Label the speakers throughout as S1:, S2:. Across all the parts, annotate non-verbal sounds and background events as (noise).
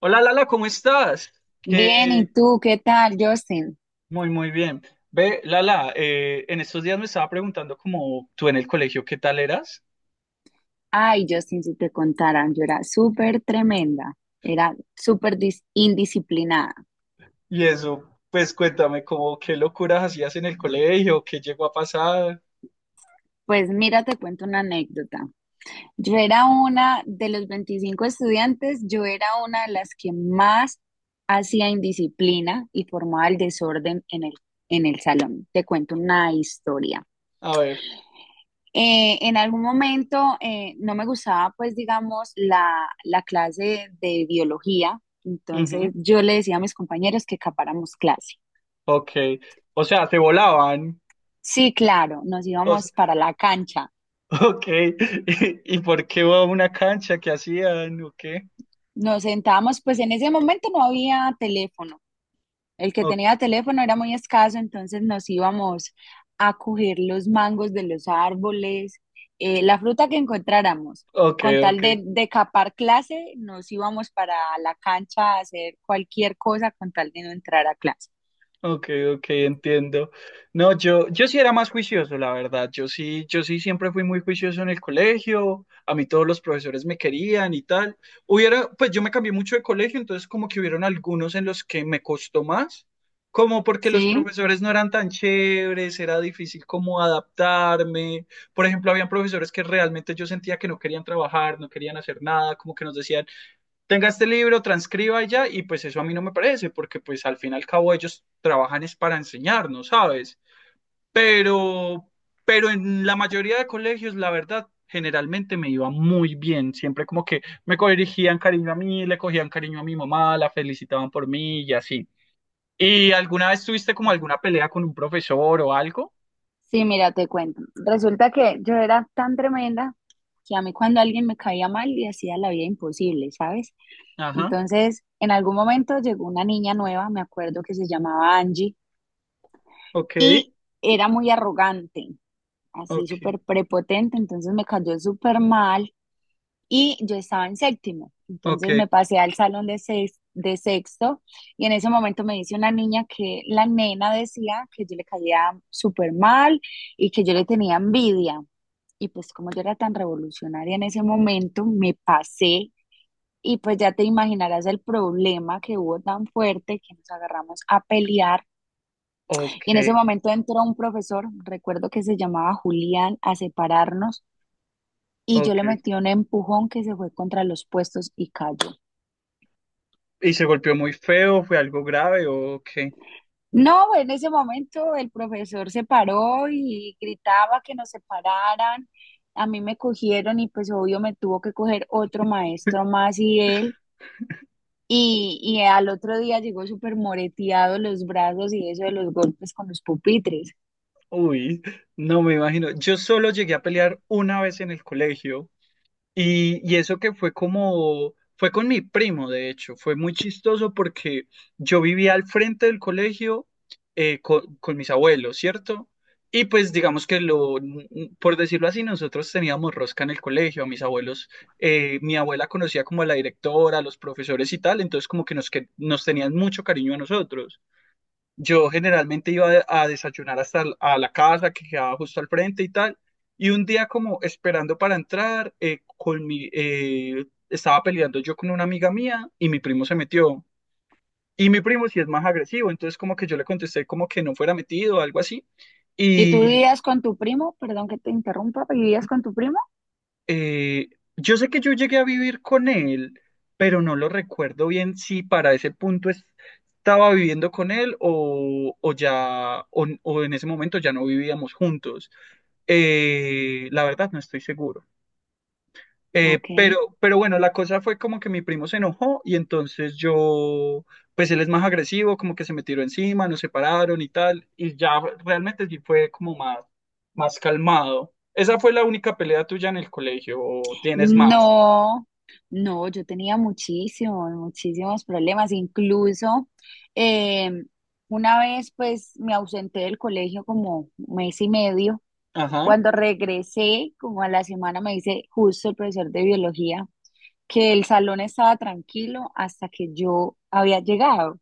S1: Hola Lala, ¿cómo estás?
S2: Bien, ¿y
S1: Que
S2: tú qué tal, Justin?
S1: Muy muy bien. Ve, Lala, en estos días me estaba preguntando como tú en el colegio qué tal eras.
S2: Ay, Justin, si te contaran, yo era súper tremenda, era súper indisciplinada.
S1: Y eso, pues cuéntame como qué locuras hacías en el colegio, qué llegó a pasar.
S2: Pues mira, te cuento una anécdota. Yo era una de los 25 estudiantes, yo era una de las que más hacía indisciplina y formaba el desorden en el salón. Te cuento
S1: Ok,
S2: una historia.
S1: a ver,
S2: En algún momento no me gustaba, pues, digamos, la clase de biología. Entonces
S1: ujú,
S2: yo le decía a mis compañeros que capáramos clase.
S1: ok. O sea, te volaban.
S2: Sí, claro, nos
S1: O s-
S2: íbamos para la cancha.
S1: (laughs) ok. (laughs) ¿Y por qué iba a una cancha? ¿Qué hacían? ¿O qué?
S2: Nos sentábamos, pues en ese momento no había teléfono. El que
S1: O-
S2: tenía teléfono era muy escaso, entonces nos íbamos a coger los mangos de los árboles, la fruta que encontráramos.
S1: ok,
S2: Con tal
S1: ok.
S2: de capar clase, nos íbamos para la cancha a hacer cualquier cosa con tal de no entrar a clase.
S1: Ok, ok, entiendo. No, yo sí era más juicioso, la verdad. Yo sí siempre fui muy juicioso en el colegio. A mí todos los profesores me querían y tal. Pues yo me cambié mucho de colegio, entonces como que hubieron algunos en los que me costó más, como porque los
S2: Sí,
S1: profesores no eran tan chéveres, era difícil como adaptarme. Por ejemplo, habían profesores que realmente yo sentía que no querían trabajar, no querían hacer nada, como que nos decían tenga este libro, transcriba y ya, y pues eso a mí no me parece, porque pues al fin y al cabo ellos trabajan es para enseñarnos, ¿sabes? Pero, pero en la mayoría de colegios, la verdad, generalmente me iba muy bien, siempre como que me corrigían cariño a mí, le cogían cariño a mi mamá, la felicitaban por mí y así. ¿Y alguna vez tuviste como alguna pelea con un profesor o algo?
S2: sí, mira, te cuento. Resulta que yo era tan tremenda que a mí cuando alguien me caía mal le hacía la vida imposible, ¿sabes?
S1: Ajá,
S2: Entonces, en algún momento llegó una niña nueva, me acuerdo que se llamaba Angie,
S1: ok,
S2: y era muy arrogante, así
S1: ok,
S2: súper prepotente, entonces me cayó súper mal y yo estaba en séptimo.
S1: ok,
S2: Entonces me pasé al salón de, de sexto y en ese momento me dice una niña que la nena decía que yo le caía súper mal y que yo le tenía envidia. Y pues como yo era tan revolucionaria en ese momento, me pasé y pues ya te imaginarás el problema que hubo tan fuerte que nos agarramos a pelear
S1: ok,
S2: y en ese momento entró un profesor, recuerdo que se llamaba Julián, a separarnos y yo le
S1: ok.
S2: metí un empujón que se fue contra los puestos y cayó.
S1: ¿Y se golpeó muy feo? ¿Fue algo grave o ok?
S2: No, en ese momento el profesor se paró y gritaba que nos separaran. A mí me cogieron y pues obvio me tuvo que coger otro maestro más y él. Y al otro día llegó súper moreteado los brazos y eso de los golpes con los pupitres.
S1: Uy, no me imagino. Yo solo llegué a pelear una vez en el colegio y eso que fue con mi primo, de hecho, fue muy chistoso porque yo vivía al frente del colegio, con mis abuelos, ¿cierto? Y pues digamos que por decirlo así, nosotros teníamos rosca en el colegio, a mis abuelos, mi abuela conocía como a la directora, a los profesores y tal, entonces como que que nos tenían mucho cariño a nosotros. Yo generalmente iba a desayunar hasta a la casa que quedaba justo al frente y tal. Y un día como esperando para entrar, estaba peleando yo con una amiga mía y mi primo se metió. Y mi primo sí es más agresivo, entonces como que yo le contesté como que no fuera metido o algo así.
S2: ¿Y tú vivías con tu primo? Perdón que te interrumpa, ¿vivías con tu primo?
S1: eh, yo sé que yo llegué a vivir con él, pero no lo recuerdo bien si para ese punto estaba viviendo con él o ya, o en ese momento ya no vivíamos juntos. La verdad no estoy seguro. Eh,
S2: Ok.
S1: pero, pero bueno, la cosa fue como que mi primo se enojó y entonces pues él es más agresivo, como que se me tiró encima, nos separaron y tal, y ya realmente sí fue como más calmado. ¿Esa fue la única pelea tuya en el colegio o tienes más?
S2: No, no, yo tenía muchísimos, muchísimos problemas. Incluso em, una vez pues me ausenté del colegio como mes y medio.
S1: Ajá,
S2: Cuando regresé, como a la semana, me dice justo el profesor de biología que el salón estaba tranquilo hasta que yo había llegado.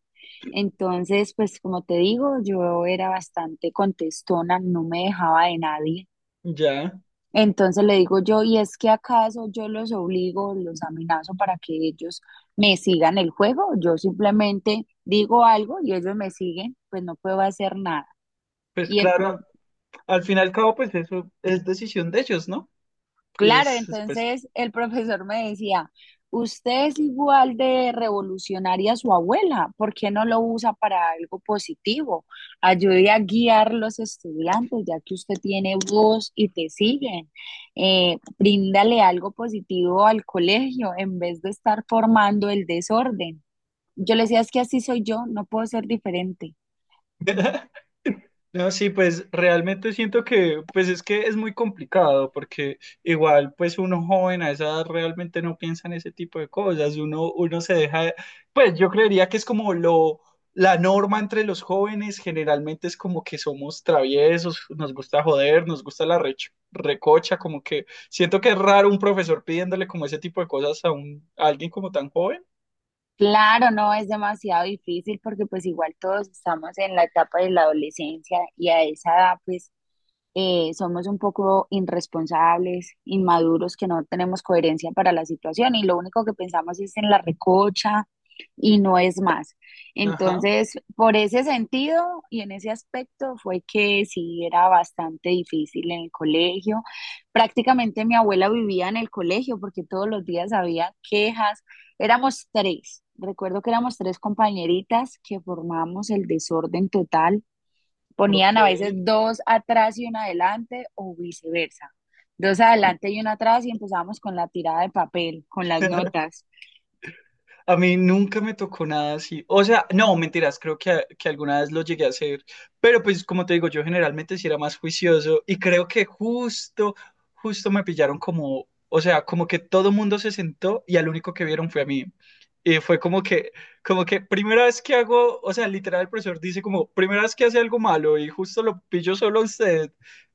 S2: Entonces, pues como te digo, yo era bastante contestona, no me dejaba de nadie.
S1: ya.
S2: Entonces le digo yo, ¿y es que acaso yo los obligo, los amenazo para que ellos me sigan el juego? Yo simplemente digo algo y ellos me siguen, pues no puedo hacer nada.
S1: Pues
S2: Y el,
S1: claro,
S2: pro-
S1: al final y al cabo, pues eso es decisión de ellos, ¿no?
S2: Claro,
S1: Es, pues.
S2: entonces el profesor me decía, usted es igual de revolucionaria a su abuela, ¿por qué no lo usa para algo positivo? Ayude a guiar los estudiantes, ya que usted tiene voz y te siguen. Bríndale algo positivo al colegio en vez de estar formando el desorden. Yo le decía, es que así soy yo, no puedo ser diferente.
S1: (laughs) No, sí, pues realmente siento que, pues es que es muy complicado porque igual, pues uno joven a esa edad realmente no piensa en ese tipo de cosas, uno se deja, pues yo creería que es como lo, la norma entre los jóvenes, generalmente es como que somos traviesos, nos gusta joder, nos gusta la recocha, como que siento que es raro un profesor pidiéndole como ese tipo de cosas a un, a alguien como tan joven.
S2: Claro, no es demasiado difícil porque pues igual todos estamos en la etapa de la adolescencia y a esa edad pues somos un poco irresponsables, inmaduros, que no tenemos coherencia para la situación y lo único que pensamos es en la recocha y no es más.
S1: Ajá,
S2: Entonces, por ese sentido y en ese aspecto fue que sí era bastante difícil en el colegio. Prácticamente mi abuela vivía en el colegio porque todos los días había quejas. Éramos tres. Recuerdo que éramos tres compañeritas que formamos el desorden total
S1: ok.
S2: ponían a veces dos atrás y una adelante o viceversa. Dos adelante y una atrás y empezábamos con la tirada de papel, con las
S1: (laughs)
S2: notas.
S1: A mí nunca me tocó nada así. O sea, no, mentiras, creo que alguna vez lo llegué a hacer. Pero pues como te digo, yo generalmente sí era más juicioso y creo que justo me pillaron como, o sea, como que todo mundo se sentó y al único que vieron fue a mí. Y fue como que primera vez que hago, o sea, literal el profesor dice como, primera vez que hace algo malo y justo lo pillo solo a usted.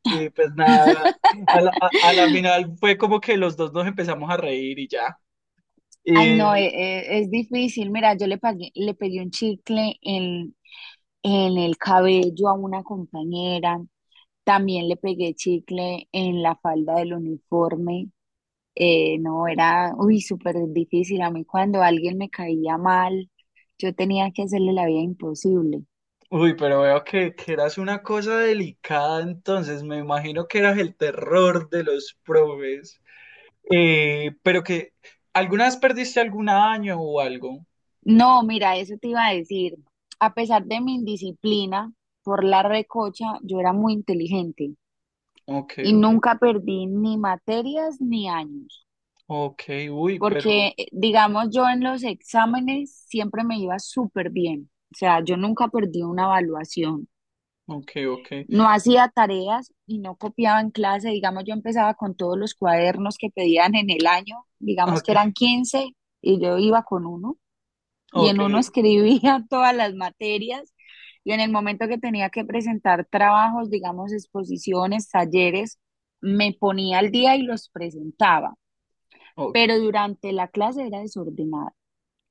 S1: Y pues nada, a la
S2: (laughs)
S1: final fue como que los dos nos empezamos a reír y ya.
S2: Ay, no, es, difícil. Mira, yo le pegué un chicle en el cabello a una compañera. También le pegué chicle en la falda del uniforme. No, era, uy, súper difícil. A mí cuando alguien me caía mal, yo tenía que hacerle la vida imposible.
S1: Uy, pero veo que eras una cosa delicada entonces, me imagino que eras el terror de los probes. Eh, pero que, ¿Alguna vez perdiste algún año o algo?
S2: No, mira, eso te iba a decir. A pesar de mi indisciplina por la recocha, yo era muy inteligente
S1: Ok,
S2: y
S1: ok,
S2: nunca perdí ni materias ni años,
S1: ok, uy,
S2: porque
S1: pero,
S2: digamos yo en los exámenes siempre me iba súper bien. O sea, yo nunca perdí una evaluación.
S1: ok, ok,
S2: No hacía tareas y no copiaba en clase. Digamos, yo empezaba con todos los cuadernos que pedían en el año, digamos que eran
S1: ok,
S2: 15 y yo iba con uno. Y
S1: ok,
S2: en uno escribía (laughs) todas las materias y en el momento que tenía que presentar trabajos, digamos, exposiciones, talleres, me ponía al día y los presentaba,
S1: ok.
S2: pero durante la clase era desordenada.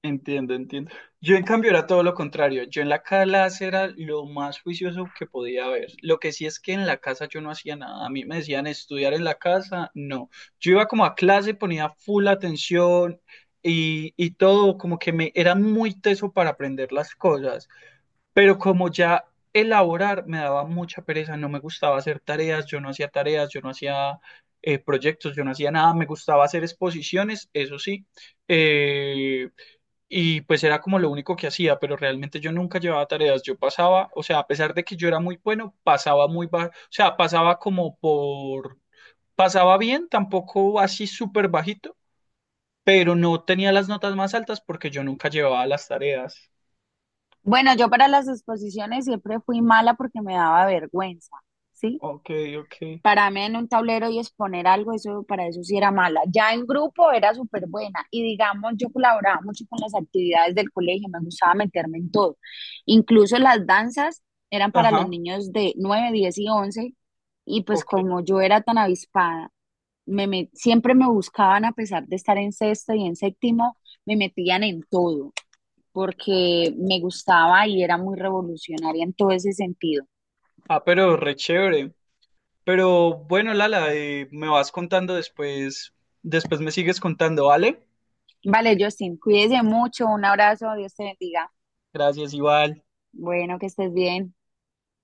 S1: Entiendo, entiendo. Yo en cambio era todo lo contrario. Yo en la clase era lo más juicioso que podía haber. Lo que sí es que en la casa yo no hacía nada. A mí me decían estudiar en la casa, no. Yo iba como a clase, ponía full atención y todo, como que me era muy teso para aprender las cosas. Pero como ya elaborar me daba mucha pereza, no me gustaba hacer tareas, yo no hacía tareas, yo no hacía proyectos, yo no hacía nada, me gustaba hacer exposiciones, eso sí. Eh, y pues era como lo único que hacía, pero realmente yo nunca llevaba tareas. Yo pasaba, o sea, a pesar de que yo era muy bueno, pasaba muy bajo, o sea, pasaba bien, tampoco así súper bajito, pero no tenía las notas más altas porque yo nunca llevaba las tareas.
S2: Bueno, yo para las exposiciones siempre fui mala porque me daba vergüenza, ¿sí?
S1: Ok, ok.
S2: Para mí en un tablero y exponer algo, eso para eso sí era mala. Ya en grupo era súper buena y digamos, yo colaboraba mucho con las actividades del colegio, me gustaba meterme en todo. Incluso las danzas eran para los
S1: Ajá,
S2: niños de 9 10 y 11 y pues
S1: ok.
S2: como yo era tan avispada, siempre me buscaban a pesar de estar en sexto y en séptimo, me metían en todo porque me gustaba y era muy revolucionaria en todo ese sentido.
S1: Ah, pero re chévere. Pero bueno, Lala, me vas contando después, después me sigues contando, ¿vale?
S2: Vale, Justin, cuídese mucho, un abrazo, Dios te bendiga.
S1: Gracias, Iván.
S2: Bueno, que estés bien.